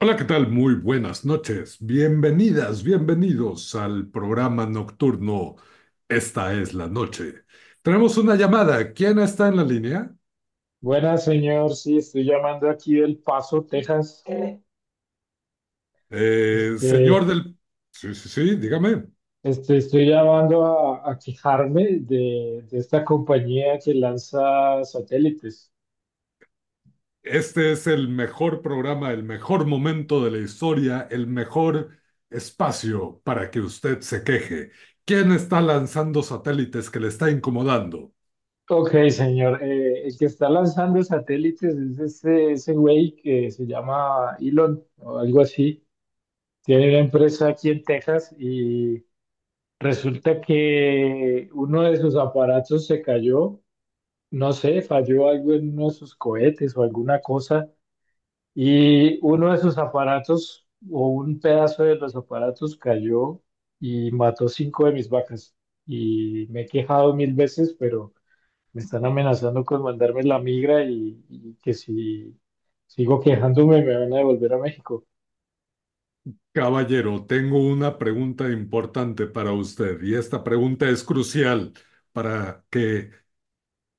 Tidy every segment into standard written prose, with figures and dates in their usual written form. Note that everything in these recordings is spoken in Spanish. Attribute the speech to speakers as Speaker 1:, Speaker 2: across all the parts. Speaker 1: Hola, ¿qué tal? Muy buenas noches. Bienvenidas, bienvenidos al programa nocturno. Esta es la noche. Tenemos una llamada. ¿Quién está en la línea?
Speaker 2: Buenas, señor. Sí, estoy llamando aquí del Paso, Texas.
Speaker 1: Eh,
Speaker 2: Este,
Speaker 1: señor del... Sí, sí, sí, dígame.
Speaker 2: estoy llamando a quejarme de esta compañía que lanza satélites.
Speaker 1: Este es el mejor programa, el mejor momento de la historia, el mejor espacio para que usted se queje. ¿Quién está lanzando satélites que le está incomodando?
Speaker 2: Ok, señor. El que está lanzando satélites es ese güey que se llama Elon o algo así. Tiene una empresa aquí en Texas y resulta que uno de sus aparatos se cayó. No sé, falló algo en uno de sus cohetes o alguna cosa. Y uno de sus aparatos, o un pedazo de los aparatos, cayó y mató cinco de mis vacas. Y me he quejado mil veces, pero me están amenazando con mandarme la migra y que si sigo quejándome me van a devolver a México.
Speaker 1: Caballero, tengo una pregunta importante para usted y esta pregunta es crucial para que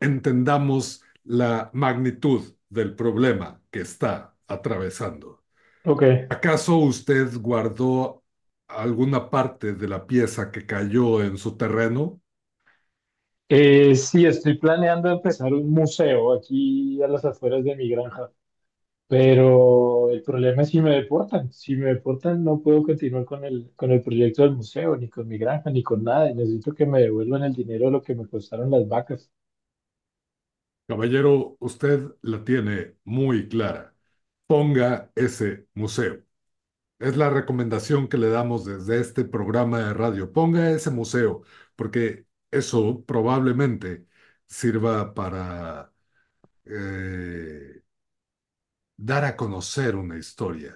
Speaker 1: entendamos la magnitud del problema que está atravesando.
Speaker 2: Ok.
Speaker 1: ¿Acaso usted guardó alguna parte de la pieza que cayó en su terreno?
Speaker 2: Sí, estoy planeando empezar un museo aquí a las afueras de mi granja. Pero el problema es si me deportan. Si me deportan, no puedo continuar con el proyecto del museo, ni con mi granja, ni con nada. Y necesito que me devuelvan el dinero de lo que me costaron las vacas.
Speaker 1: Caballero, usted la tiene muy clara. Ponga ese museo. Es la recomendación que le damos desde este programa de radio. Ponga ese museo, porque eso probablemente sirva para eh, dar a conocer una historia.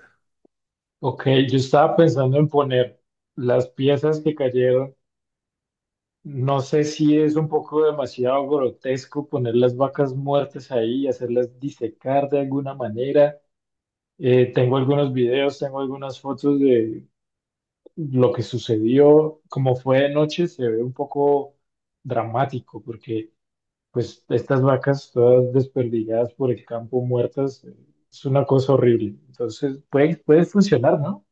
Speaker 2: Ok, yo estaba pensando en poner las piezas que cayeron. No sé si es un poco demasiado grotesco poner las vacas muertas ahí y hacerlas disecar de alguna manera. Tengo algunos videos, tengo algunas fotos de lo que sucedió. Como fue de noche, se ve un poco dramático, porque pues estas vacas todas desperdigadas por el campo, muertas, es una cosa horrible. Entonces, puede funcionar, ¿no?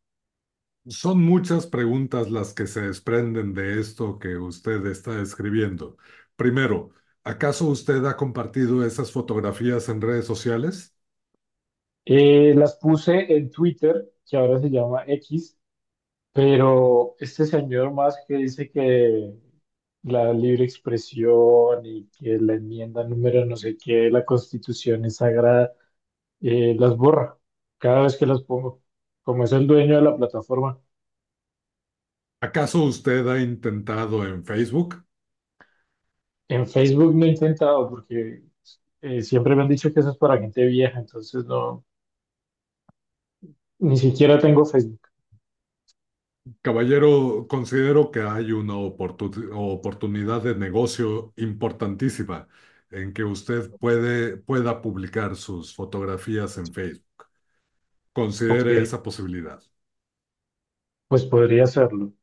Speaker 1: Son muchas preguntas las que se desprenden de esto que usted está escribiendo. Primero, ¿acaso usted ha compartido esas fotografías en redes sociales?
Speaker 2: Las puse en Twitter, que ahora se llama X, pero este señor más que dice que la libre expresión y que la enmienda número no sé qué de la Constitución es sagrada. Las borra cada vez que las pongo. Como es el dueño de la plataforma.
Speaker 1: ¿Acaso usted ha intentado en Facebook?
Speaker 2: En Facebook no he intentado porque siempre me han dicho que eso es para gente vieja, entonces no, ni siquiera tengo Facebook.
Speaker 1: Caballero, considero que hay una oportunidad de negocio importantísima en que usted pueda publicar sus fotografías en Facebook.
Speaker 2: Ok,
Speaker 1: Considere esa posibilidad.
Speaker 2: pues podría hacerlo.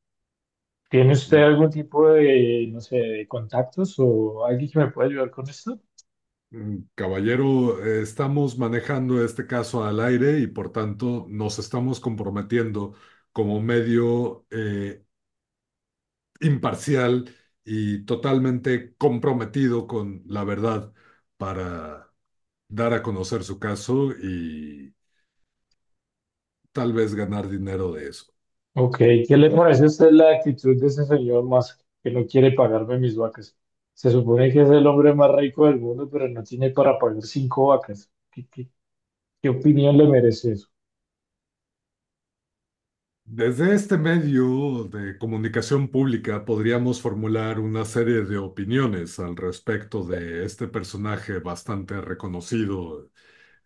Speaker 2: ¿Tiene usted
Speaker 1: Mm,
Speaker 2: algún tipo de, no sé, de contactos o alguien que me pueda ayudar con esto?
Speaker 1: mm, caballero, estamos manejando este caso al aire y por tanto nos estamos comprometiendo como medio imparcial y totalmente comprometido con la verdad para dar a conocer su caso y tal vez ganar dinero de eso.
Speaker 2: Ok, ¿qué le parece a usted la actitud de ese señor Musk que no quiere pagarme mis vacas? Se supone que es el hombre más rico del mundo, pero no tiene para pagar cinco vacas. ¿Qué opinión le merece eso?
Speaker 1: Desde este medio de comunicación pública podríamos formular una serie de opiniones al respecto de este personaje bastante reconocido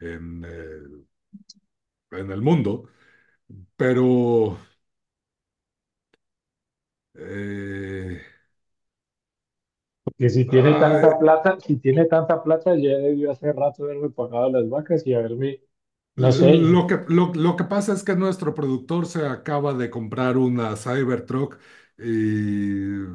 Speaker 1: en, eh, en el mundo, pero eh,
Speaker 2: Porque si tiene
Speaker 1: ah,
Speaker 2: tanta plata, si tiene tanta plata, ya debió hace rato haberme pagado las vacas y haberme, no sé,
Speaker 1: lo que pasa es que nuestro productor se acaba de comprar una Cybertruck y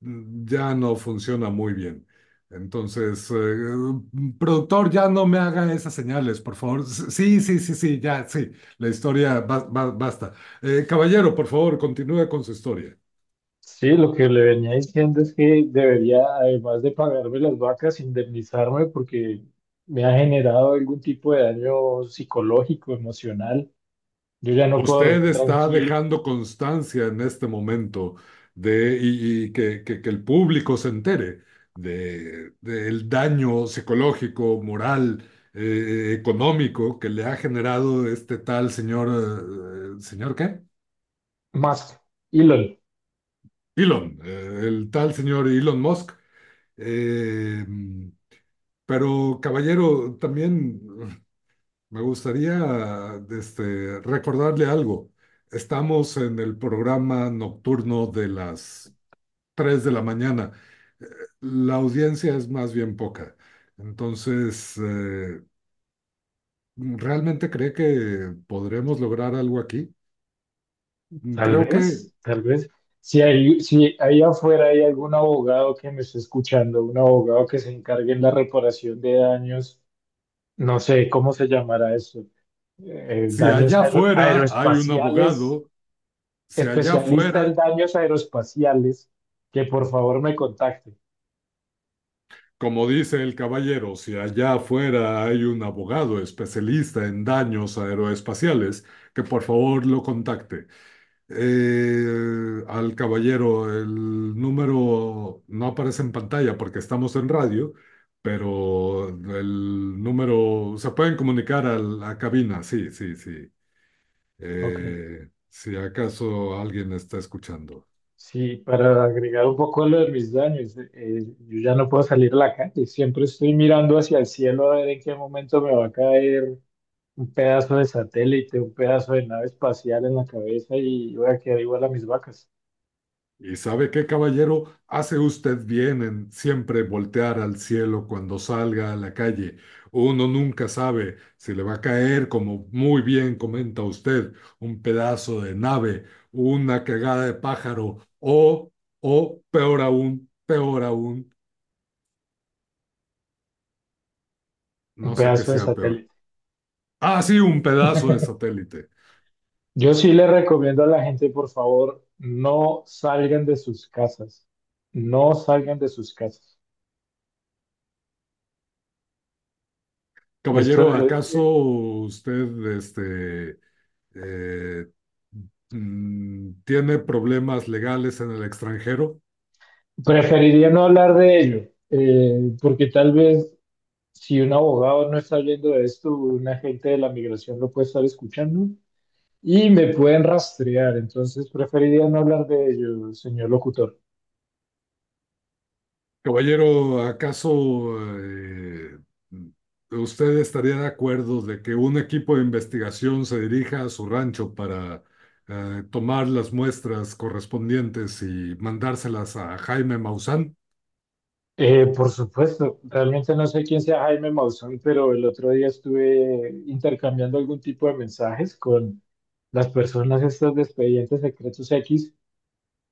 Speaker 1: ya no funciona muy bien. Entonces, productor, ya no me haga esas señales, por favor. Sí, sí, sí, sí, ya, sí. La historia, basta. Caballero, por favor, continúe con su historia.
Speaker 2: sí, lo que le venía diciendo es que debería, además de pagarme las vacas, indemnizarme porque me ha generado algún tipo de daño psicológico, emocional. Yo ya no puedo
Speaker 1: Usted
Speaker 2: dormir
Speaker 1: está
Speaker 2: tranquilo.
Speaker 1: dejando constancia en este momento de, que el público se entere de, del daño psicológico, moral, económico que le ha generado este tal señor, ¿señor qué?
Speaker 2: Más, Elon.
Speaker 1: Elon, el tal señor Elon Musk. Eh, pero, caballero, también me gustaría este, recordarle algo. Estamos en el programa nocturno de las 3 de la mañana. Eh, La audiencia es más bien poca. Entonces, ¿realmente cree que podremos lograr algo aquí?
Speaker 2: Tal
Speaker 1: Creo que
Speaker 2: vez, tal vez. Si ahí afuera hay algún abogado que me esté escuchando, un abogado que se encargue en la reparación de daños, no sé cómo se llamará eso,
Speaker 1: si
Speaker 2: daños
Speaker 1: allá
Speaker 2: aero-
Speaker 1: afuera hay un
Speaker 2: aeroespaciales,
Speaker 1: abogado, si allá
Speaker 2: especialista
Speaker 1: afuera...
Speaker 2: en daños aeroespaciales, que por favor me contacte.
Speaker 1: Como dice el caballero, si allá afuera hay un abogado especialista en daños aeroespaciales, que por favor lo contacte. Al caballero, el número no aparece en pantalla porque estamos en radio, pero el número se pueden comunicar a la cabina, sí, sí, sí.
Speaker 2: Ok.
Speaker 1: Si acaso alguien está escuchando.
Speaker 2: Sí, para agregar un poco lo de mis daños, yo ya no puedo salir a la calle, siempre estoy mirando hacia el cielo a ver en qué momento me va a caer un pedazo de satélite, un pedazo de nave espacial en la cabeza y voy a quedar igual a mis vacas,
Speaker 1: Y sabe qué, caballero, hace usted bien en siempre voltear al cielo cuando salga a la calle. Uno nunca sabe si le va a caer, como muy bien comenta usted, un pedazo de nave, una cagada de pájaro o peor aún,
Speaker 2: un
Speaker 1: no sé qué
Speaker 2: pedazo de
Speaker 1: sea peor.
Speaker 2: satélite.
Speaker 1: Ah, sí, un pedazo de satélite.
Speaker 2: Yo sí le recomiendo a la gente, por favor, no salgan de sus casas, no salgan de sus casas. Esto,
Speaker 1: Caballero,
Speaker 2: eh,
Speaker 1: ¿acaso usted este, eh, tiene problemas legales en el extranjero?
Speaker 2: Preferiría no hablar de ello, porque tal vez si un abogado no está viendo esto, un agente de la migración lo puede estar escuchando y me pueden rastrear, entonces preferiría no hablar de ello, señor locutor.
Speaker 1: Caballero, ¿acaso usted estaría de acuerdo de que un equipo de investigación se dirija a su rancho para tomar las muestras correspondientes y mandárselas a Jaime Maussan?
Speaker 2: Por supuesto, realmente no sé quién sea Jaime Maussan, pero el otro día estuve intercambiando algún tipo de mensajes con las personas estas de Expedientes Secretos X,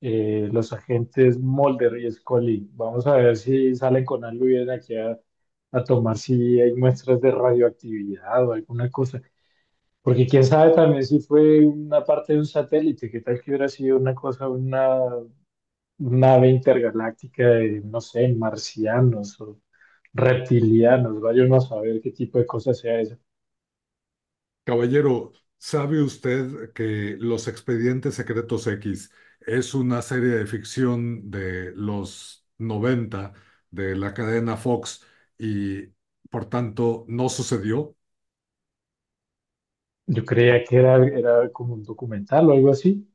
Speaker 2: los agentes Mulder y Scully. Vamos a ver si salen con algo y vienen aquí a tomar si hay muestras de radioactividad o alguna cosa. Porque quién sabe también si fue una parte de un satélite, qué tal que hubiera sido una cosa, una nave intergaláctica de, no sé, marcianos, reptilianos, vaya uno a saber qué tipo de cosa sea eso.
Speaker 1: Caballero, ¿sabe usted que Los Expedientes Secretos X es una serie de ficción de los 90 de la cadena Fox y por tanto no sucedió?
Speaker 2: Yo creía que era, era como un documental o algo así.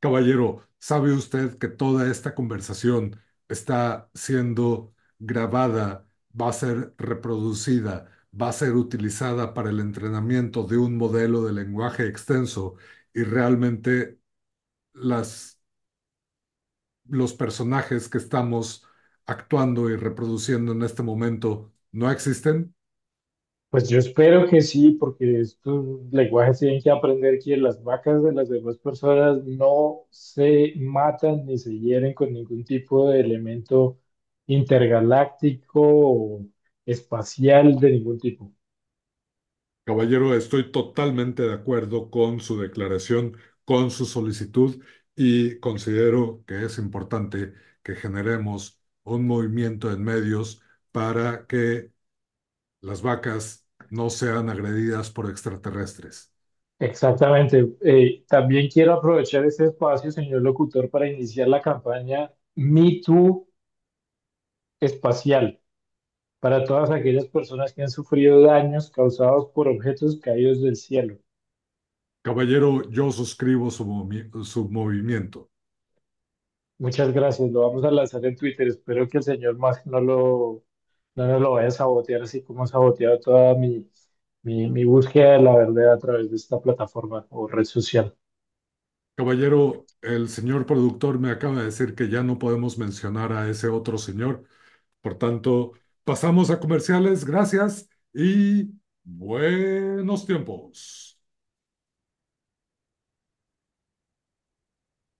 Speaker 1: Caballero, ¿sabe usted que toda esta conversación está siendo grabada, va a ser reproducida, va a ser utilizada para el entrenamiento de un modelo de lenguaje extenso y realmente las los personajes que estamos actuando y reproduciendo en este momento no existen?
Speaker 2: Pues yo espero que sí, porque estos lenguajes tienen que aprender que las vacas de las demás personas no se matan ni se hieren con ningún tipo de elemento intergaláctico o espacial de ningún tipo.
Speaker 1: Caballero, estoy totalmente de acuerdo con su declaración, con su solicitud y considero que es importante que generemos un movimiento en medios para que las vacas no sean agredidas por extraterrestres.
Speaker 2: Exactamente. También quiero aprovechar este espacio, señor locutor, para iniciar la campaña Me Too espacial, para todas aquellas personas que han sufrido daños causados por objetos caídos del cielo.
Speaker 1: Caballero, yo suscribo su movimiento.
Speaker 2: Muchas gracias, lo vamos a lanzar en Twitter. Espero que el señor Musk no nos lo vaya a sabotear así como ha saboteado toda mi, búsqueda de la verdad a través de esta plataforma o red social.
Speaker 1: Caballero, el señor productor me acaba de decir que ya no podemos mencionar a ese otro señor. Por tanto, pasamos a comerciales. Gracias y buenos tiempos.